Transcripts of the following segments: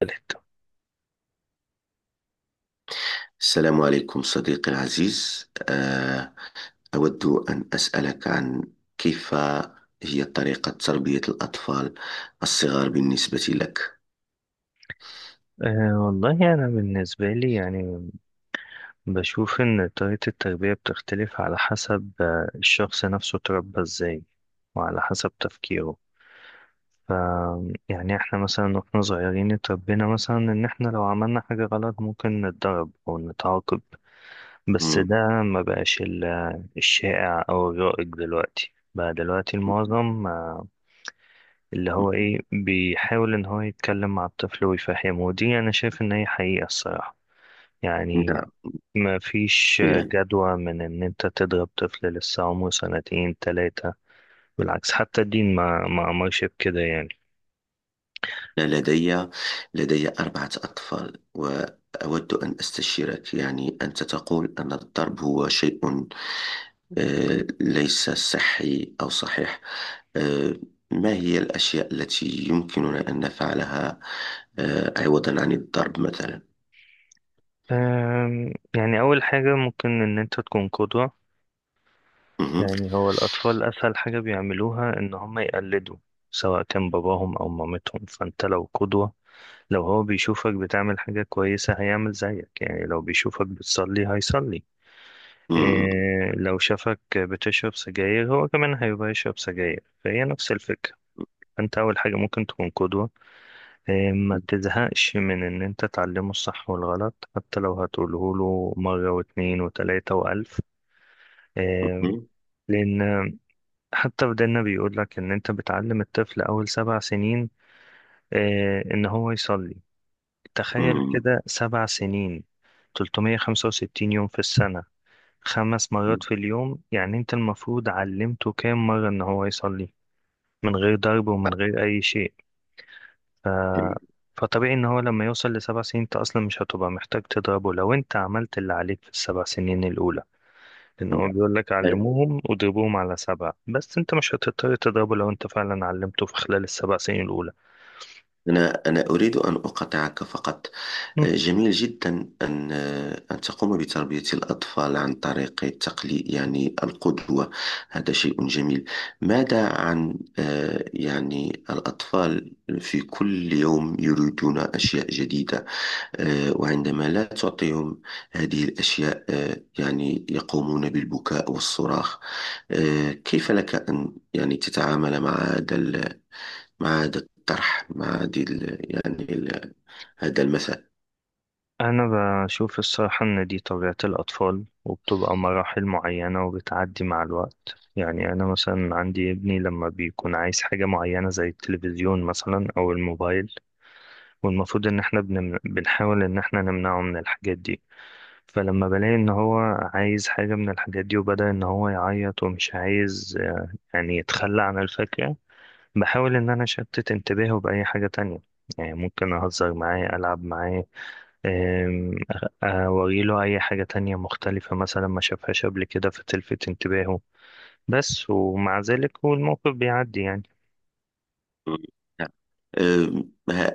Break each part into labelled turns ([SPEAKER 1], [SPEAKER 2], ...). [SPEAKER 1] تالت.
[SPEAKER 2] السلام عليكم صديقي العزيز، أود أن أسألك عن كيف هي طريقة تربية الأطفال الصغار بالنسبة لك.
[SPEAKER 1] أه والله أنا بالنسبة لي يعني بشوف إن طريقة التربية بتختلف على حسب الشخص نفسه اتربى إزاي وعلى حسب تفكيره، ف يعني إحنا مثلا وإحنا صغيرين اتربينا مثلا إن إحنا لو عملنا حاجة غلط ممكن نتضرب أو نتعاقب. بس
[SPEAKER 2] مم،
[SPEAKER 1] ده ما بقاش الشائع أو الرائج دلوقتي، بقى دلوقتي المعظم اللي هو إيه بيحاول إن هو يتكلم مع الطفل ويفهمه، ودي أنا شايف إن هي حقيقة الصراحة يعني.
[SPEAKER 2] نعم.
[SPEAKER 1] ما فيش
[SPEAKER 2] يعني
[SPEAKER 1] جدوى من ان انت تضرب طفل لسه عمره سنتين تلاتة. بالعكس حتى الدين ما امرش بكده يعني.
[SPEAKER 2] أنا لدي أربعة أطفال، وأود أن أستشيرك. يعني أنت تقول أن الضرب هو شيء ليس صحي أو صحيح. آه، ما هي الأشياء التي يمكننا أن نفعلها عوضا عن الضرب مثلا؟
[SPEAKER 1] يعني اول حاجة ممكن ان انت تكون قدوة. يعني هو الاطفال اسهل حاجة بيعملوها ان هم يقلدوا سواء كان باباهم او مامتهم، فانت لو قدوة، لو هو بيشوفك بتعمل حاجة كويسة هيعمل زيك. يعني لو بيشوفك بتصلي هيصلي
[SPEAKER 2] مم.
[SPEAKER 1] إيه، لو شافك بتشرب سجاير هو كمان هيبقى يشرب سجاير، فهي نفس الفكرة. فأنت أول حاجة ممكن تكون قدوة إيه، ما تزهقش من إن أنت تعلمه الصح والغلط حتى لو هتقوله له مرة واتنين وتلاتة وألف إيه،
[SPEAKER 2] مم.
[SPEAKER 1] لأن حتى في ديننا بيقول لك إن أنت بتعلم الطفل أول 7 سنين إيه إن هو يصلي. تخيل
[SPEAKER 2] مم.
[SPEAKER 1] كده 7 سنين، 365 يوم في السنة، 5 مرات في اليوم، يعني انت المفروض علمته كام مرة ان هو يصلي من غير ضرب ومن غير اي شيء. ف...
[SPEAKER 2] جميل.
[SPEAKER 1] فطبيعي ان هو لما يوصل لسبع سنين انت اصلا مش هتبقى محتاج تضربه لو انت عملت اللي عليك في الـ7 سنين الاولى. لان هو بيقول لك علموهم واضربوهم على سبع، بس انت مش هتضطر تضربه لو انت فعلا علمته في خلال الـ7 سنين الاولى.
[SPEAKER 2] أنا أريد أن أقاطعك فقط. جميل جدا أن أن تقوم بتربية الأطفال عن طريق التقليد، يعني القدوة. هذا شيء جميل. ماذا عن يعني الأطفال في كل يوم يريدون أشياء جديدة، وعندما لا تعطيهم هذه الأشياء يعني يقومون بالبكاء والصراخ. كيف لك أن يعني تتعامل مع مع هذا الطرح، مع هذه ال- يعني ال- هذا المثل؟
[SPEAKER 1] أنا بشوف الصراحة إن دي طبيعة الأطفال وبتبقى مراحل معينة وبتعدي مع الوقت. يعني أنا مثلا عندي ابني لما بيكون عايز حاجة معينة زي التلفزيون مثلا أو الموبايل، والمفروض إن إحنا بنحاول إن إحنا نمنعه من الحاجات دي. فلما بلاقي إن هو عايز حاجة من الحاجات دي وبدأ إن هو يعيط ومش عايز يعني يتخلى عن الفكرة، بحاول إن أنا أشتت انتباهه بأي حاجة تانية. يعني ممكن أهزر معاه ألعب معاه، أوريله أي حاجة تانية مختلفة مثلا ما شافهاش قبل كده فتلفت انتباهه. بس ومع ذلك هو الموقف بيعدي يعني.
[SPEAKER 2] نعم. آه، ما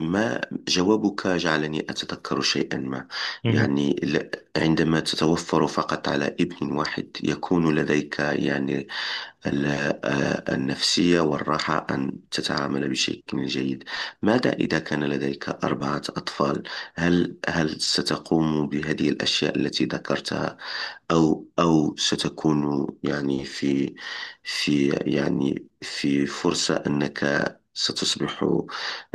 [SPEAKER 2] ما جوابك جعلني أتذكر شيئا ما.
[SPEAKER 1] مهم.
[SPEAKER 2] يعني ل- عندما تتوفر فقط على ابن واحد يكون لديك يعني ال- النفسية والراحة أن تتعامل بشكل جيد. ماذا إذا كان لديك أربعة أطفال؟ هل ستقوم بهذه الأشياء التي ذكرتها، أو ستكون يعني في في يعني في فرصة أنك ستصبح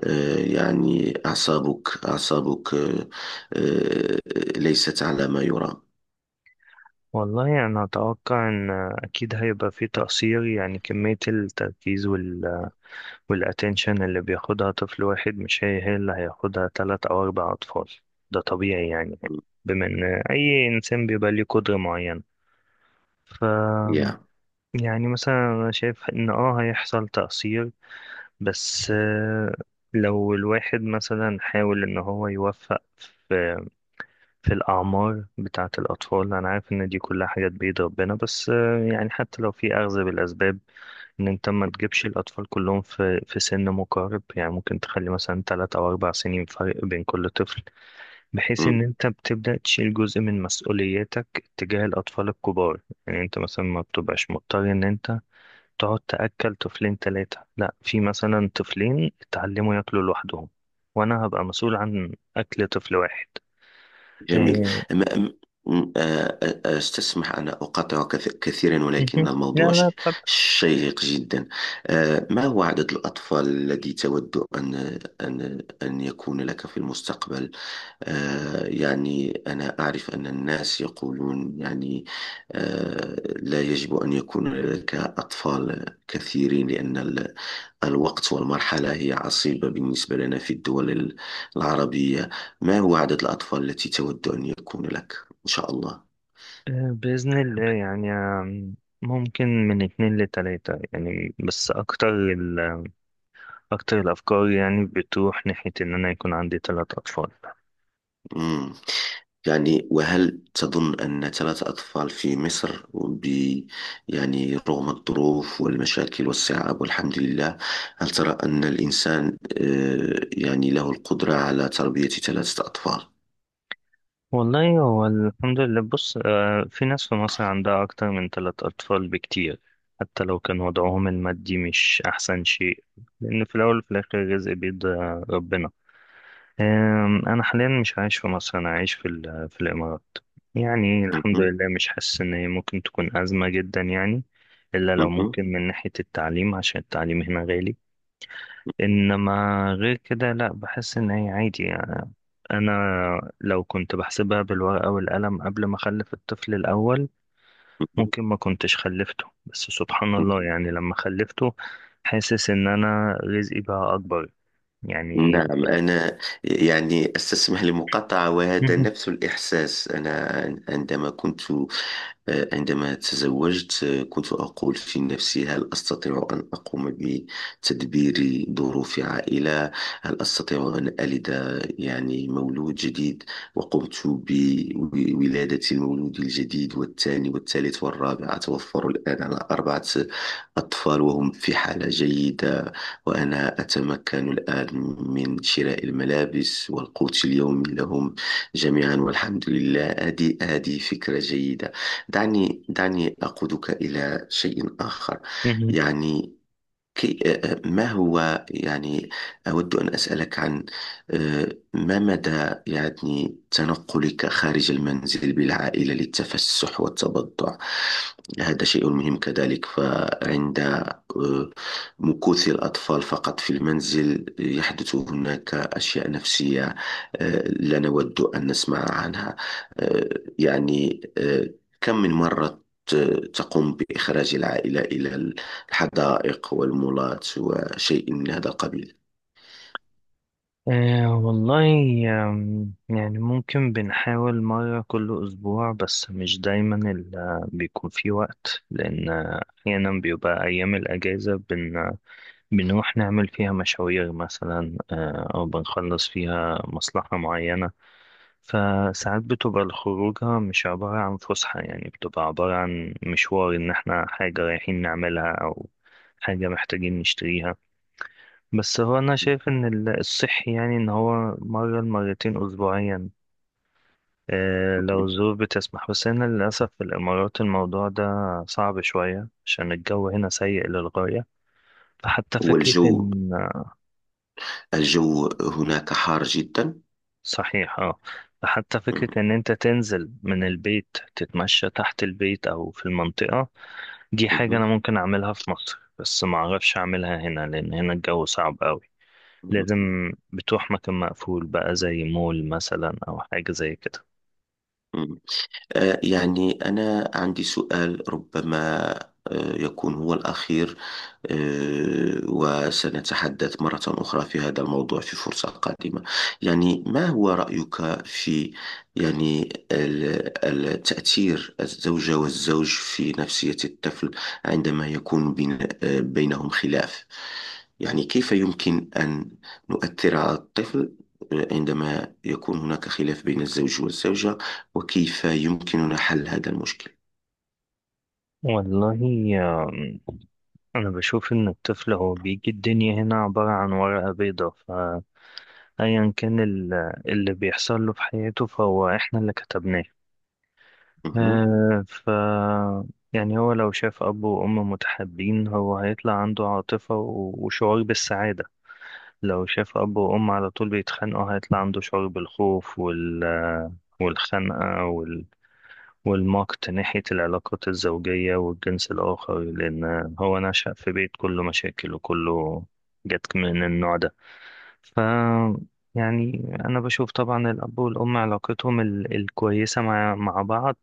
[SPEAKER 2] يعني أعصابك آه، ليست على ما يرام؟
[SPEAKER 1] والله أنا أتوقع إن أكيد هيبقى فيه تقصير. يعني كمية التركيز وال والأتنشن اللي بياخدها طفل واحد مش هي اللي هياخدها تلات أو أربع أطفال. ده طبيعي يعني. بما إن أي إنسان بيبقى ليه قدرة معينة، ف
[SPEAKER 2] يا.
[SPEAKER 1] يعني مثلا أنا شايف إن هيحصل تقصير. بس، لو الواحد مثلا حاول ان هو يوفق في الاعمار بتاعه الاطفال. انا عارف ان دي كلها حاجات بيد ربنا، بس يعني حتى لو في اخذ بالاسباب ان انت ما تجيبش الاطفال كلهم في سن مقارب. يعني ممكن تخلي مثلا 3 او 4 سنين فرق بين كل طفل، بحيث ان انت بتبدا تشيل جزء من مسؤولياتك تجاه الاطفال الكبار. يعني انت مثلا ما بتبقاش مضطر ان انت تقعد تأكل طفلين تلاتة، لا، في مثلا طفلين اتعلموا ياكلوا لوحدهم، وأنا هبقى مسؤول عن أكل طفل واحد
[SPEAKER 2] جميل.
[SPEAKER 1] إيه.
[SPEAKER 2] أما أم- أستسمح أن أقاطعك كثيرا، ولكن
[SPEAKER 1] مهم. لا
[SPEAKER 2] الموضوع
[SPEAKER 1] لا طب.
[SPEAKER 2] شيق جدا. آ، ما هو عدد الأطفال الذي تود أن يكون لك في المستقبل؟ يعني أنا أعرف أن الناس يقولون يعني، آ، لا يجب أن يكون لك أطفال كثيرين لأن الوقت والمرحلة هي عصيبة بالنسبة لنا في الدول العربية. ما هو عدد الأطفال التي تود أن يكون لك إن شاء الله؟
[SPEAKER 1] بإذن الله يعني، ممكن من اتنين لتلاتة يعني. بس أكتر ال... أكتر الأفكار يعني بتروح ناحية إن أنا يكون عندي تلات أطفال.
[SPEAKER 2] مم. يعني، وهل تظن أن ثلاثة أطفال في مصر، يعني رغم الظروف والمشاكل والصعاب والحمد لله، هل ترى أن الإنسان يعني له القدرة على تربية ثلاثة أطفال؟
[SPEAKER 1] والله هو الحمد لله. بص، في ناس في مصر عندها أكتر من ثلاث أطفال بكتير، حتى لو كان وضعهم المادي مش أحسن شيء، لأن في الأول وفي الآخر الرزق بيد ربنا. أنا حاليا مش عايش في مصر، أنا عايش في في الإمارات. يعني الحمد
[SPEAKER 2] مهم.
[SPEAKER 1] لله مش حاسس إن هي ممكن تكون أزمة جدا يعني، إلا لو
[SPEAKER 2] مهم.
[SPEAKER 1] ممكن من ناحية التعليم عشان التعليم هنا غالي. انما غير كده لا، بحس ان هي عادي يعني. انا لو كنت بحسبها بالورقة والقلم قبل ما اخلف الطفل الاول
[SPEAKER 2] مهم.
[SPEAKER 1] ممكن ما كنتش خلفته. بس سبحان الله يعني لما خلفته حاسس ان انا رزقي بقى اكبر يعني.
[SPEAKER 2] نعم. أنا يعني أستسمح لمقاطعة، وهذا
[SPEAKER 1] مهم.
[SPEAKER 2] نفس الإحساس. أنا عندما كنت عندما تزوجت، كنت أقول في نفسي هل أستطيع أن أقوم بتدبير ظروف عائلة؟ هل أستطيع أن ألد يعني مولود جديد وقمت بولادة المولود الجديد والثاني والثالث والرابع. أتوفر الآن على أربعة أطفال، وهم في حالة جيدة، وأنا أتمكن الآن من شراء الملابس والقوت اليومي لهم جميعا، والحمد لله. هذه فكرة جيدة. دعني دعني أقودك إلى شيء آخر.
[SPEAKER 1] مهم.
[SPEAKER 2] يعني ما هو يعني، أود أن أسألك عن ما مدى يعني تنقلك خارج المنزل بالعائلة للتفسح والتبضع. هذا شيء مهم كذلك. فعند مكوث الأطفال فقط في المنزل يحدث هناك أشياء نفسية لا نود أن نسمع عنها. آه، يعني كم من مرة تقوم بإخراج العائلة إلى الحدائق والمولات وشيء من هذا القبيل؟
[SPEAKER 1] آه والله، يعني ممكن بنحاول مرة كل أسبوع. بس مش دايما بيكون في وقت، لأن أحيانا بيبقى أيام الأجازة بنروح نعمل فيها مشاوير مثلا، أو بنخلص فيها مصلحة معينة. فساعات بتبقى الخروجة مش عبارة عن فسحة، يعني بتبقى عبارة عن مشوار إن إحنا حاجة رايحين نعملها أو حاجة محتاجين نشتريها. بس هو أنا شايف إن الصحي يعني إن هو مرة لمرتين أسبوعيا، لو
[SPEAKER 2] مهم.
[SPEAKER 1] الظروف بتسمح. بس هنا للأسف في الإمارات الموضوع ده صعب شوية عشان الجو هنا سيء للغاية. فحتى فكرة
[SPEAKER 2] والجو
[SPEAKER 1] إن
[SPEAKER 2] الجو هناك حار جدا.
[SPEAKER 1] صحيح اه، حتى فكرة
[SPEAKER 2] مهم.
[SPEAKER 1] ان انت تنزل من البيت تتمشى تحت البيت او في المنطقة، دي حاجة
[SPEAKER 2] مهم.
[SPEAKER 1] انا ممكن اعملها في مصر بس ما اعرفش اعملها هنا لان هنا الجو صعب قوي. لازم بتروح مكان مقفول بقى زي مول مثلا او حاجة زي كده.
[SPEAKER 2] مهم. يعني أنا عندي سؤال ربما يكون هو الأخير، وسنتحدث مرة أخرى في هذا الموضوع في فرصة قادمة. يعني ما هو رأيك في يعني تأثير الزوجة والزوج في نفسية الطفل عندما يكون بين بينهم خلاف؟ يعني كيف يمكن أن نؤثر على الطفل عندما يكون هناك خلاف بين الزوج والزوجة؟ وكيف يمكننا حل هذا المشكل؟
[SPEAKER 1] والله آم، انا بشوف ان الطفل هو بيجي الدنيا هنا عبارة عن ورقة بيضاء. فايا كان اللي بيحصل له في حياته فهو احنا اللي كتبناه.
[SPEAKER 2] مهم.
[SPEAKER 1] آه، ف يعني هو لو شاف أب وأم متحابين هو هيطلع عنده عاطفة وشعور بالسعادة. لو شاف أب وأم على طول بيتخانقوا هيطلع عنده شعور بالخوف وال والخنقة وال والمقت ناحية العلاقات الزوجية والجنس الآخر، لأن هو نشأ في بيت كله مشاكل وكله جت من النوع ده. ف يعني أنا بشوف طبعا الأب والأم علاقتهم الكويسة مع بعض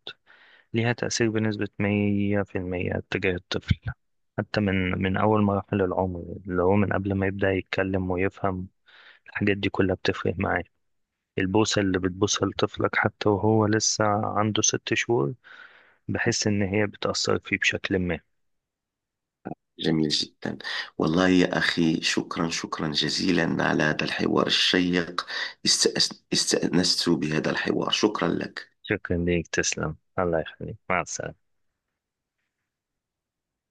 [SPEAKER 1] ليها تأثير بنسبة 100% اتجاه الطفل، حتى من أول مراحل العمر اللي هو من قبل ما يبدأ يتكلم ويفهم. الحاجات دي كلها بتفرق معاه. البوسة اللي بتبوسها لطفلك حتى وهو لسه عنده 6 شهور بحس إن هي بتأثر فيه بشكل ما.
[SPEAKER 2] جميل جدا. والله يا أخي، شكرا شكرا جزيلا على هذا الحوار الشيق. استأنست بهذا الحوار. شكرا لك.
[SPEAKER 1] شكرا ليك، تسلم، الله يخليك، مع السلامة.